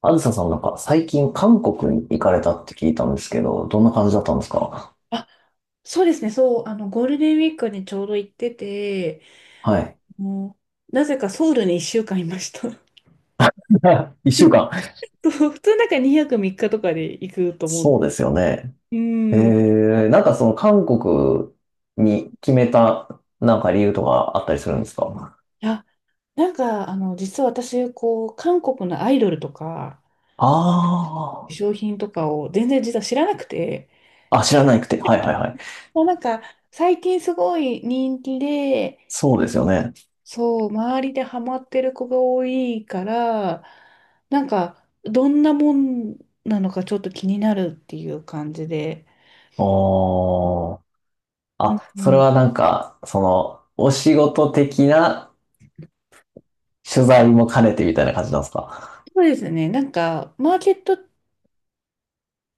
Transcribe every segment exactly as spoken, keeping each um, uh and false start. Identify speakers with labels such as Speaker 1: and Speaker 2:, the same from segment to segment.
Speaker 1: あずささんなんか最近韓国に行かれたって聞いたんですけど、どんな感じだったんですか？
Speaker 2: あ、そうですね、そう、あの、ゴールデンウィークにちょうど行ってて、
Speaker 1: はい。
Speaker 2: もう、なぜかソウルにいっしゅうかんいました。
Speaker 1: 一週間。
Speaker 2: そう普通なんかにはくみっかとかで行くと思うんで
Speaker 1: そう
Speaker 2: す。
Speaker 1: ですよね。
Speaker 2: う
Speaker 1: え
Speaker 2: ん。い
Speaker 1: ー、なんかその韓国に決めたなんか理由とかあったりするんですか？
Speaker 2: や、なんか、あの、実は私、こう、韓国のアイドルとか、化
Speaker 1: あ
Speaker 2: 粧品とかを全然実は知らなくて、
Speaker 1: あー、あ、知らなくて。はいはいはい。
Speaker 2: もうなんか、最近すごい人気で、
Speaker 1: そうですよね。
Speaker 2: そう、周りでハマってる子が多いから、なんか、どんなもんなのかちょっと気になるっていう感じで。
Speaker 1: あー。
Speaker 2: うん
Speaker 1: あ、
Speaker 2: う
Speaker 1: それ
Speaker 2: ん、
Speaker 1: はなんか、その、お仕事的な取材も兼ねてみたいな感じなんですか。
Speaker 2: そうですね。なんか、マーケット、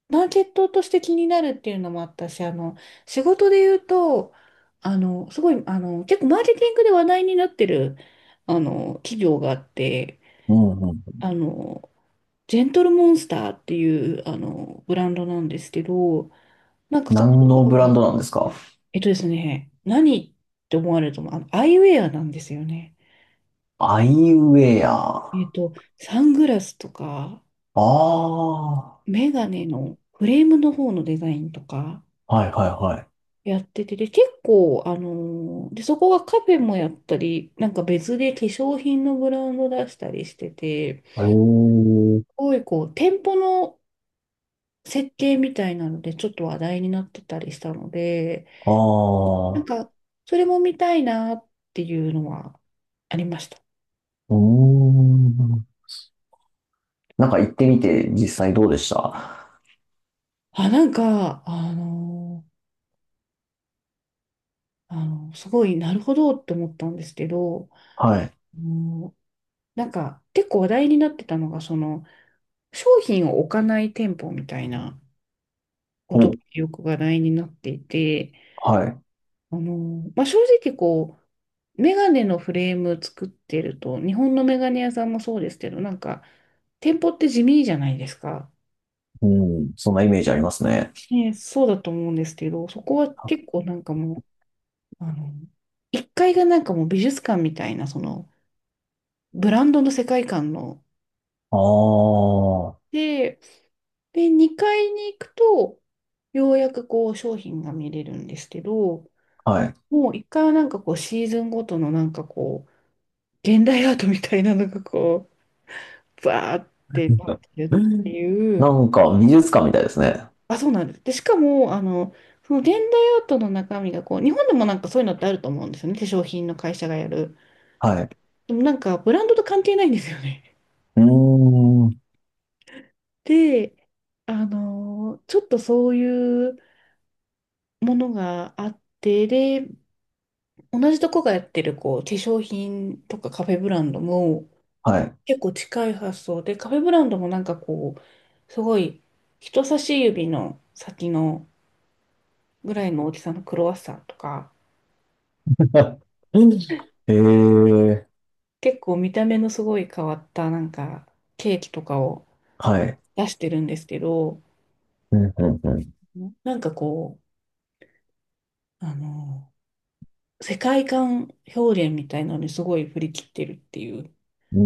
Speaker 2: マーケットとして気になるっていうのもあったし、あの、仕事で言うと、あの、すごい、あの、結構マーケティングで話題になってる、あの、企業があって、
Speaker 1: うんうん。
Speaker 2: あの、ジェントルモンスターっていう、あの、ブランドなんですけど、なんかそこ
Speaker 1: 何のブランドなんですか？
Speaker 2: えっとですね、何って思われると思う。あの、アイウェアなんですよね。
Speaker 1: アイウェ
Speaker 2: えっ
Speaker 1: ア。
Speaker 2: と、サングラスとか、
Speaker 1: ああ。
Speaker 2: メガネのフレームの方のデザインとか
Speaker 1: はいはいはい。
Speaker 2: やってて、で、結構、あのーで、そこがカフェもやったり、なんか別で化粧品のブランド出したりしてて、す
Speaker 1: ええ。
Speaker 2: ごいこう、店舗の設計みたいなので、ちょっと話題になってたりしたので、
Speaker 1: あ
Speaker 2: なん
Speaker 1: あ。
Speaker 2: か、それも見たいなっていうのはありました。
Speaker 1: うーん。なんか行ってみて実際どうでした？
Speaker 2: あ、なんか、あのーあの、すごいなるほどって思ったんですけど、
Speaker 1: はい。
Speaker 2: もうなんか結構話題になってたのが、その商品を置かない店舗みたいなことが
Speaker 1: お、
Speaker 2: よく話題になっていて、
Speaker 1: はい。
Speaker 2: あの、まあ、正直こう、メガネのフレーム作ってると、日本のメガネ屋さんもそうですけど、なんか店舗って地味じゃないですか。
Speaker 1: うん。そんなイメージありますね。
Speaker 2: ね、そうだと思うんですけど、そこは結構なんかもう、あの、階がなんかもう美術館みたいな、そのブランドの世界観の
Speaker 1: ああ。は
Speaker 2: で、で、にかいに行くと、ようやくこう商品が見れるんですけど、
Speaker 1: い。
Speaker 2: もういっかいはなんかこうシーズンごとのなんかこう、現代アートみたいなのがこう、バーってなって
Speaker 1: う
Speaker 2: るって
Speaker 1: ん、
Speaker 2: い
Speaker 1: な
Speaker 2: う、
Speaker 1: んか美術館みたいですね。
Speaker 2: あ、そうなんです。で、しかも、あの、その現代アートの中身がこう、日本でもなんかそういうのってあると思うんですよね、化粧品の会社がやる。
Speaker 1: はい。
Speaker 2: でもなんかブランドと関係ないんですよね。
Speaker 1: うーん。
Speaker 2: で、あの、ちょっとそういうものがあって、で、同じとこがやってるこう化粧品とかカフェブランドも
Speaker 1: はい。
Speaker 2: 結構近い発想で、カフェブランドもなんかこう、すごい人差し指の先のぐらいの大きさのクロワッサンとか、
Speaker 1: ええ、
Speaker 2: 結構見た目のすごい変わったなんかケーキとかを
Speaker 1: はい。
Speaker 2: 出してるんですけど、
Speaker 1: うん、うん、う
Speaker 2: なんかこう、あの、世界観表現みたいなのにすごい振り切ってるっていう
Speaker 1: ん。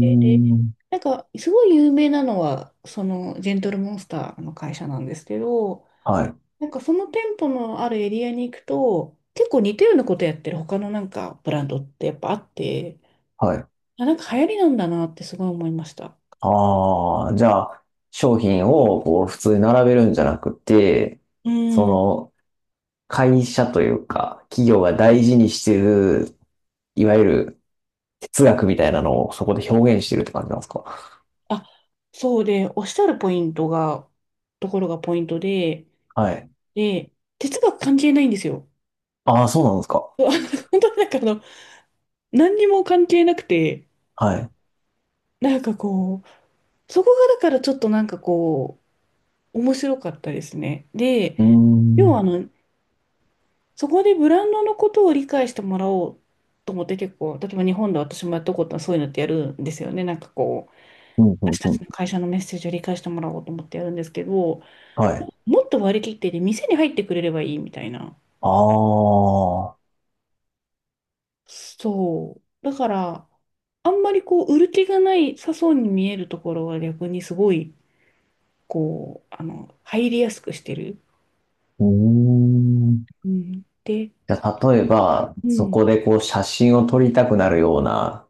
Speaker 2: で
Speaker 1: うーん。
Speaker 2: なんか、すごい有名なのは、その、ジェントルモンスターの会社なんですけど、
Speaker 1: はい、
Speaker 2: なんかその店舗のあるエリアに行くと、結構似たようなことやってる他のなんかブランドってやっぱあって、
Speaker 1: はい。
Speaker 2: あ、なんか流行りなんだなってすごい思いました。
Speaker 1: ああ、じゃあ、商品をこう普通に並べるんじゃなくて、
Speaker 2: う
Speaker 1: そ
Speaker 2: ん。
Speaker 1: の、会社というか、企業が大事にしてる、いわゆる哲学みたいなのをそこで表現してるって感じなんですか？
Speaker 2: あ、そうで、おっしゃるポイントが、ところがポイントで、
Speaker 1: はい。
Speaker 2: で、哲学関係ないんですよ。
Speaker 1: ああ、そうなんですか。
Speaker 2: 本当になんかあの、何にも関係なくて、
Speaker 1: はい。
Speaker 2: なんかこう、そこがだからちょっとなんかこう、面白かったですね。で、
Speaker 1: うー
Speaker 2: 要はあ
Speaker 1: ん。
Speaker 2: の、そこでブランドのことを理解してもらおうと思って結構、例えば日本で私もやったことはそういうのってやるんですよね。なんかこう、
Speaker 1: うんうん
Speaker 2: 私た
Speaker 1: うん。
Speaker 2: ちの会社のメッセージを理解してもらおうと思ってやるんですけど、
Speaker 1: はい。
Speaker 2: もっと割り切ってで店に入ってくれればいいみたいな。
Speaker 1: ああ。
Speaker 2: そう。だから、あんまりこう、売る気がないさそうに見えるところは逆にすごい、こう、あの、入りやすくしてる。
Speaker 1: うーん。
Speaker 2: うん。で、
Speaker 1: じゃあ、例えば、
Speaker 2: う
Speaker 1: そ
Speaker 2: ん。
Speaker 1: こでこう写真を撮りたくなるような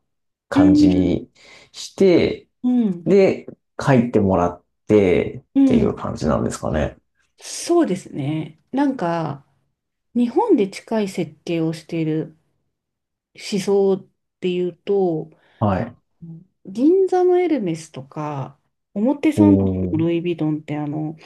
Speaker 2: う
Speaker 1: 感じ
Speaker 2: ん。
Speaker 1: にして、
Speaker 2: うん。
Speaker 1: で、書いてもらってっ
Speaker 2: う
Speaker 1: てい
Speaker 2: ん。
Speaker 1: う感じなんですかね。
Speaker 2: そうですね。なんか、日本で近い設計をしている思想っていうと、
Speaker 1: はい。
Speaker 2: 銀座のエルメスとか、表参道
Speaker 1: おー。
Speaker 2: のルイ・ヴィトンって、あの、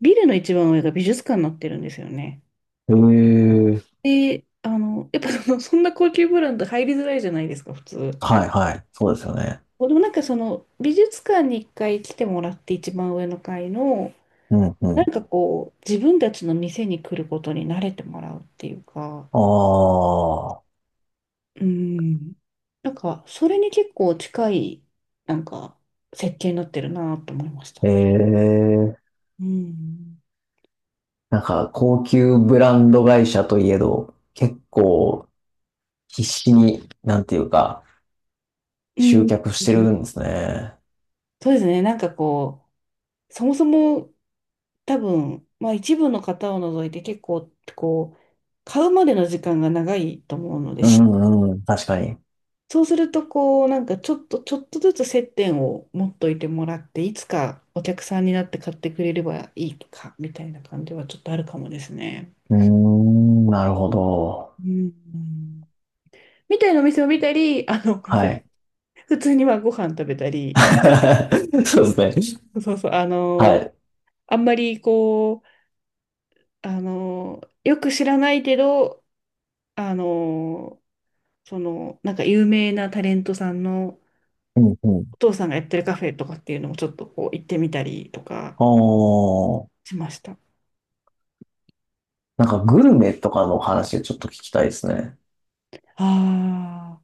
Speaker 2: ビルの一番上が美術館になってるんですよね。
Speaker 1: へえ。
Speaker 2: で、あの、やっぱその、そんな高級ブランド入りづらいじゃないですか、普通。
Speaker 1: はいはい。そうですよね。
Speaker 2: でもなんかその、美術館に一回来てもらって一番上の階の、
Speaker 1: うんう
Speaker 2: なん
Speaker 1: ん。
Speaker 2: かこう、自分たちの店に来ることに慣れてもらうっていうか、
Speaker 1: ああ。
Speaker 2: うん。なんか、それに結構近い、なんか、設計になってるなと思いました。
Speaker 1: ええ。
Speaker 2: うん。
Speaker 1: なんか、高級ブランド会社といえど、結構必死に、なんていうか、
Speaker 2: う
Speaker 1: 集
Speaker 2: ん。
Speaker 1: 客してるんですね。
Speaker 2: そうですね。なんかこう、そもそも多分、まあ一部の方を除いて結構、こう、買うまでの時間が長いと思うので、
Speaker 1: う
Speaker 2: し
Speaker 1: んうん、確かに。
Speaker 2: そうすると、こう、なんかちょっと、ちょっとずつ接点を持っといてもらって、いつかお客さんになって買ってくれればいいか、みたいな感じはちょっとあるかもですね。
Speaker 1: うーん、なるほど。
Speaker 2: うん。みたいなお店を見たり、あの、ごめんなさ
Speaker 1: は
Speaker 2: い。
Speaker 1: い。
Speaker 2: 普通にまあご飯食べたり、
Speaker 1: そうですね。
Speaker 2: そうそう、あ
Speaker 1: は
Speaker 2: の、
Speaker 1: い。
Speaker 2: あんまりこう、あの、よく知らないけど、あの、その、なんか有名なタレントさんの
Speaker 1: うんう
Speaker 2: お
Speaker 1: ん。
Speaker 2: 父さんがやってるカフェとかっていうのもちょっとこう行ってみたりとか
Speaker 1: おー、
Speaker 2: しました。あ
Speaker 1: なんかグルメとかの話をちょっと聞きたいですね。
Speaker 2: あ、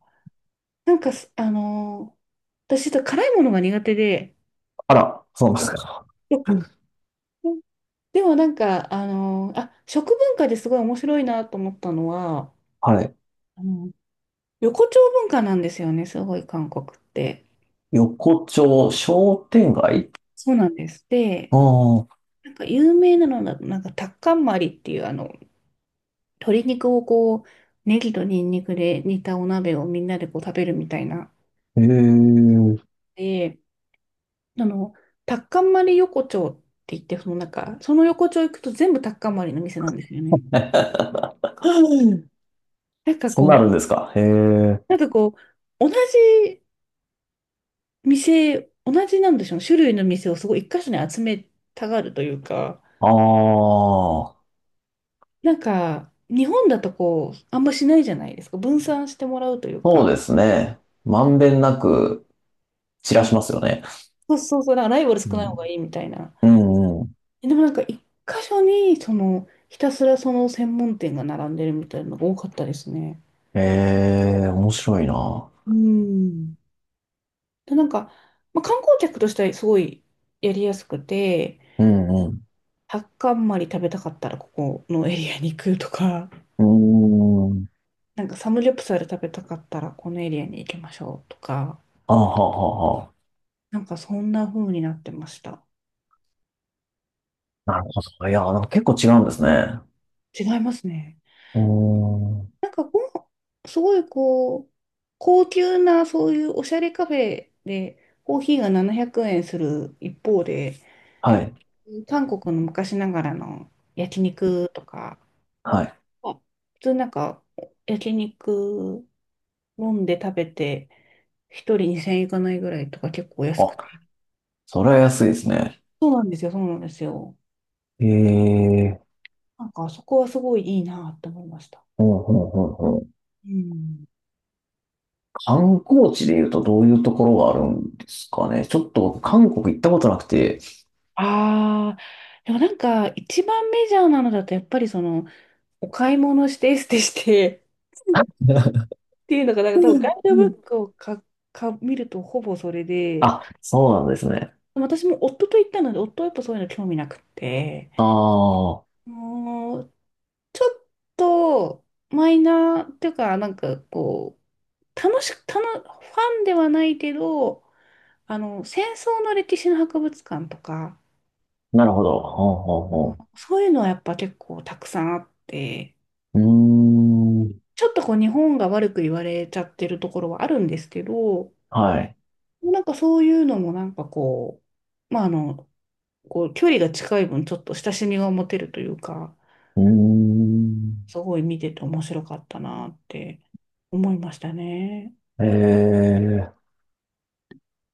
Speaker 2: なんかす、あの、私、辛いものが苦手で、
Speaker 1: あら、そうなんですか。
Speaker 2: でもなんか、あの、あ、食文化ですごい面白いなと思ったのは、
Speaker 1: はい。
Speaker 2: あの横丁文化なんですよね、すごい韓国って。
Speaker 1: 横丁商店街？
Speaker 2: そうなんです。
Speaker 1: あ
Speaker 2: で、
Speaker 1: あ
Speaker 2: なんか有名なのだと、なんかタッカンマリっていう、あの、鶏肉をこう、ネギとニンニクで煮たお鍋をみんなでこう食べるみたいな。
Speaker 1: ー、へえ。
Speaker 2: で、あの、タッカンマリ横丁って言って、そのなんか、その横丁行くと全部タッカンマリの店なんですよね。なん か
Speaker 1: そう
Speaker 2: こ
Speaker 1: なあるん
Speaker 2: う、
Speaker 1: ですか。へえ。
Speaker 2: なんかこう、同じ店、同じなんでしょうね、種類の店をすごい一箇所に集めたがるというか、
Speaker 1: ああ、
Speaker 2: なんか、日本だとこう、あんましないじゃないですか。分散してもらうという
Speaker 1: そ
Speaker 2: か。
Speaker 1: うですね。まんべんなく散
Speaker 2: う
Speaker 1: ら
Speaker 2: ん
Speaker 1: しますよね。
Speaker 2: そうそうそう、だからライバル
Speaker 1: う
Speaker 2: 少ない
Speaker 1: ん
Speaker 2: 方がいいみたいな。
Speaker 1: うんうん。
Speaker 2: でもなんか、一箇所に、その、ひたすらその専門店が並んでるみたいなのが多かったですね。
Speaker 1: ええ、面白いな。
Speaker 2: うん。で、なんか、まあ、観光客としてはすごいやりやすくて、
Speaker 1: うんうん。
Speaker 2: タッカンマリ食べたかったらここのエリアに行くとか、
Speaker 1: うーん。
Speaker 2: なんかサムギョプサル食べたかったらこのエリアに行きましょうとか、
Speaker 1: あははは。
Speaker 2: なんかそんな風になってました。
Speaker 1: なるほど。いや、なんか結構違うんですね。
Speaker 2: 違いますね。
Speaker 1: うーん。
Speaker 2: なんかご飯、すごいこう、高級なそういうおしゃれカフェでコーヒーがななひゃくえんする一方で、
Speaker 1: はい。
Speaker 2: 韓国の昔ながらの焼肉とか、
Speaker 1: はい。
Speaker 2: あ普通なんか焼肉飲んで食べて一人にせんえんいかないぐらいとか結構安
Speaker 1: あ、
Speaker 2: くて。
Speaker 1: それは安いですね。
Speaker 2: そうなんですよ、そうなんですよ。
Speaker 1: ええ、
Speaker 2: なんかそこはすごいいいなって思いました。
Speaker 1: ほうほうほうほう。
Speaker 2: うん。
Speaker 1: 観光地で言うとどういうところがあるんですかね。ちょっと僕韓国行ったことなくて。
Speaker 2: ああ、でもなんか一番メジャーなのだとやっぱりそのお買い物してエステして っていうのが、なんか多分
Speaker 1: う
Speaker 2: ガイ
Speaker 1: んう
Speaker 2: ドブ
Speaker 1: ん
Speaker 2: ッ クをか、か、見るとほぼそれで、
Speaker 1: あ、そうなんですね。
Speaker 2: 私も夫と行ったので、夫はやっぱそういうの興味なくって、
Speaker 1: ああ、
Speaker 2: もう、ちょっとマイナーっていうか、なんかこう、楽しく、楽、ファンではないけど、あの、戦争の歴史の博物館とか、
Speaker 1: なるほど。ほうほう
Speaker 2: あの、
Speaker 1: ほ
Speaker 2: そういうのはやっぱ結構たくさんあって、
Speaker 1: う。うーん。
Speaker 2: ちょっとこう日本が悪く言われちゃってるところはあるんですけど、
Speaker 1: はい。
Speaker 2: なんかそういうのもなんかこう、まああの、こう距離が近い分ちょっと親しみが持てるというか、
Speaker 1: うーん。
Speaker 2: すごい見てて面白かったなって思いましたね。
Speaker 1: ええ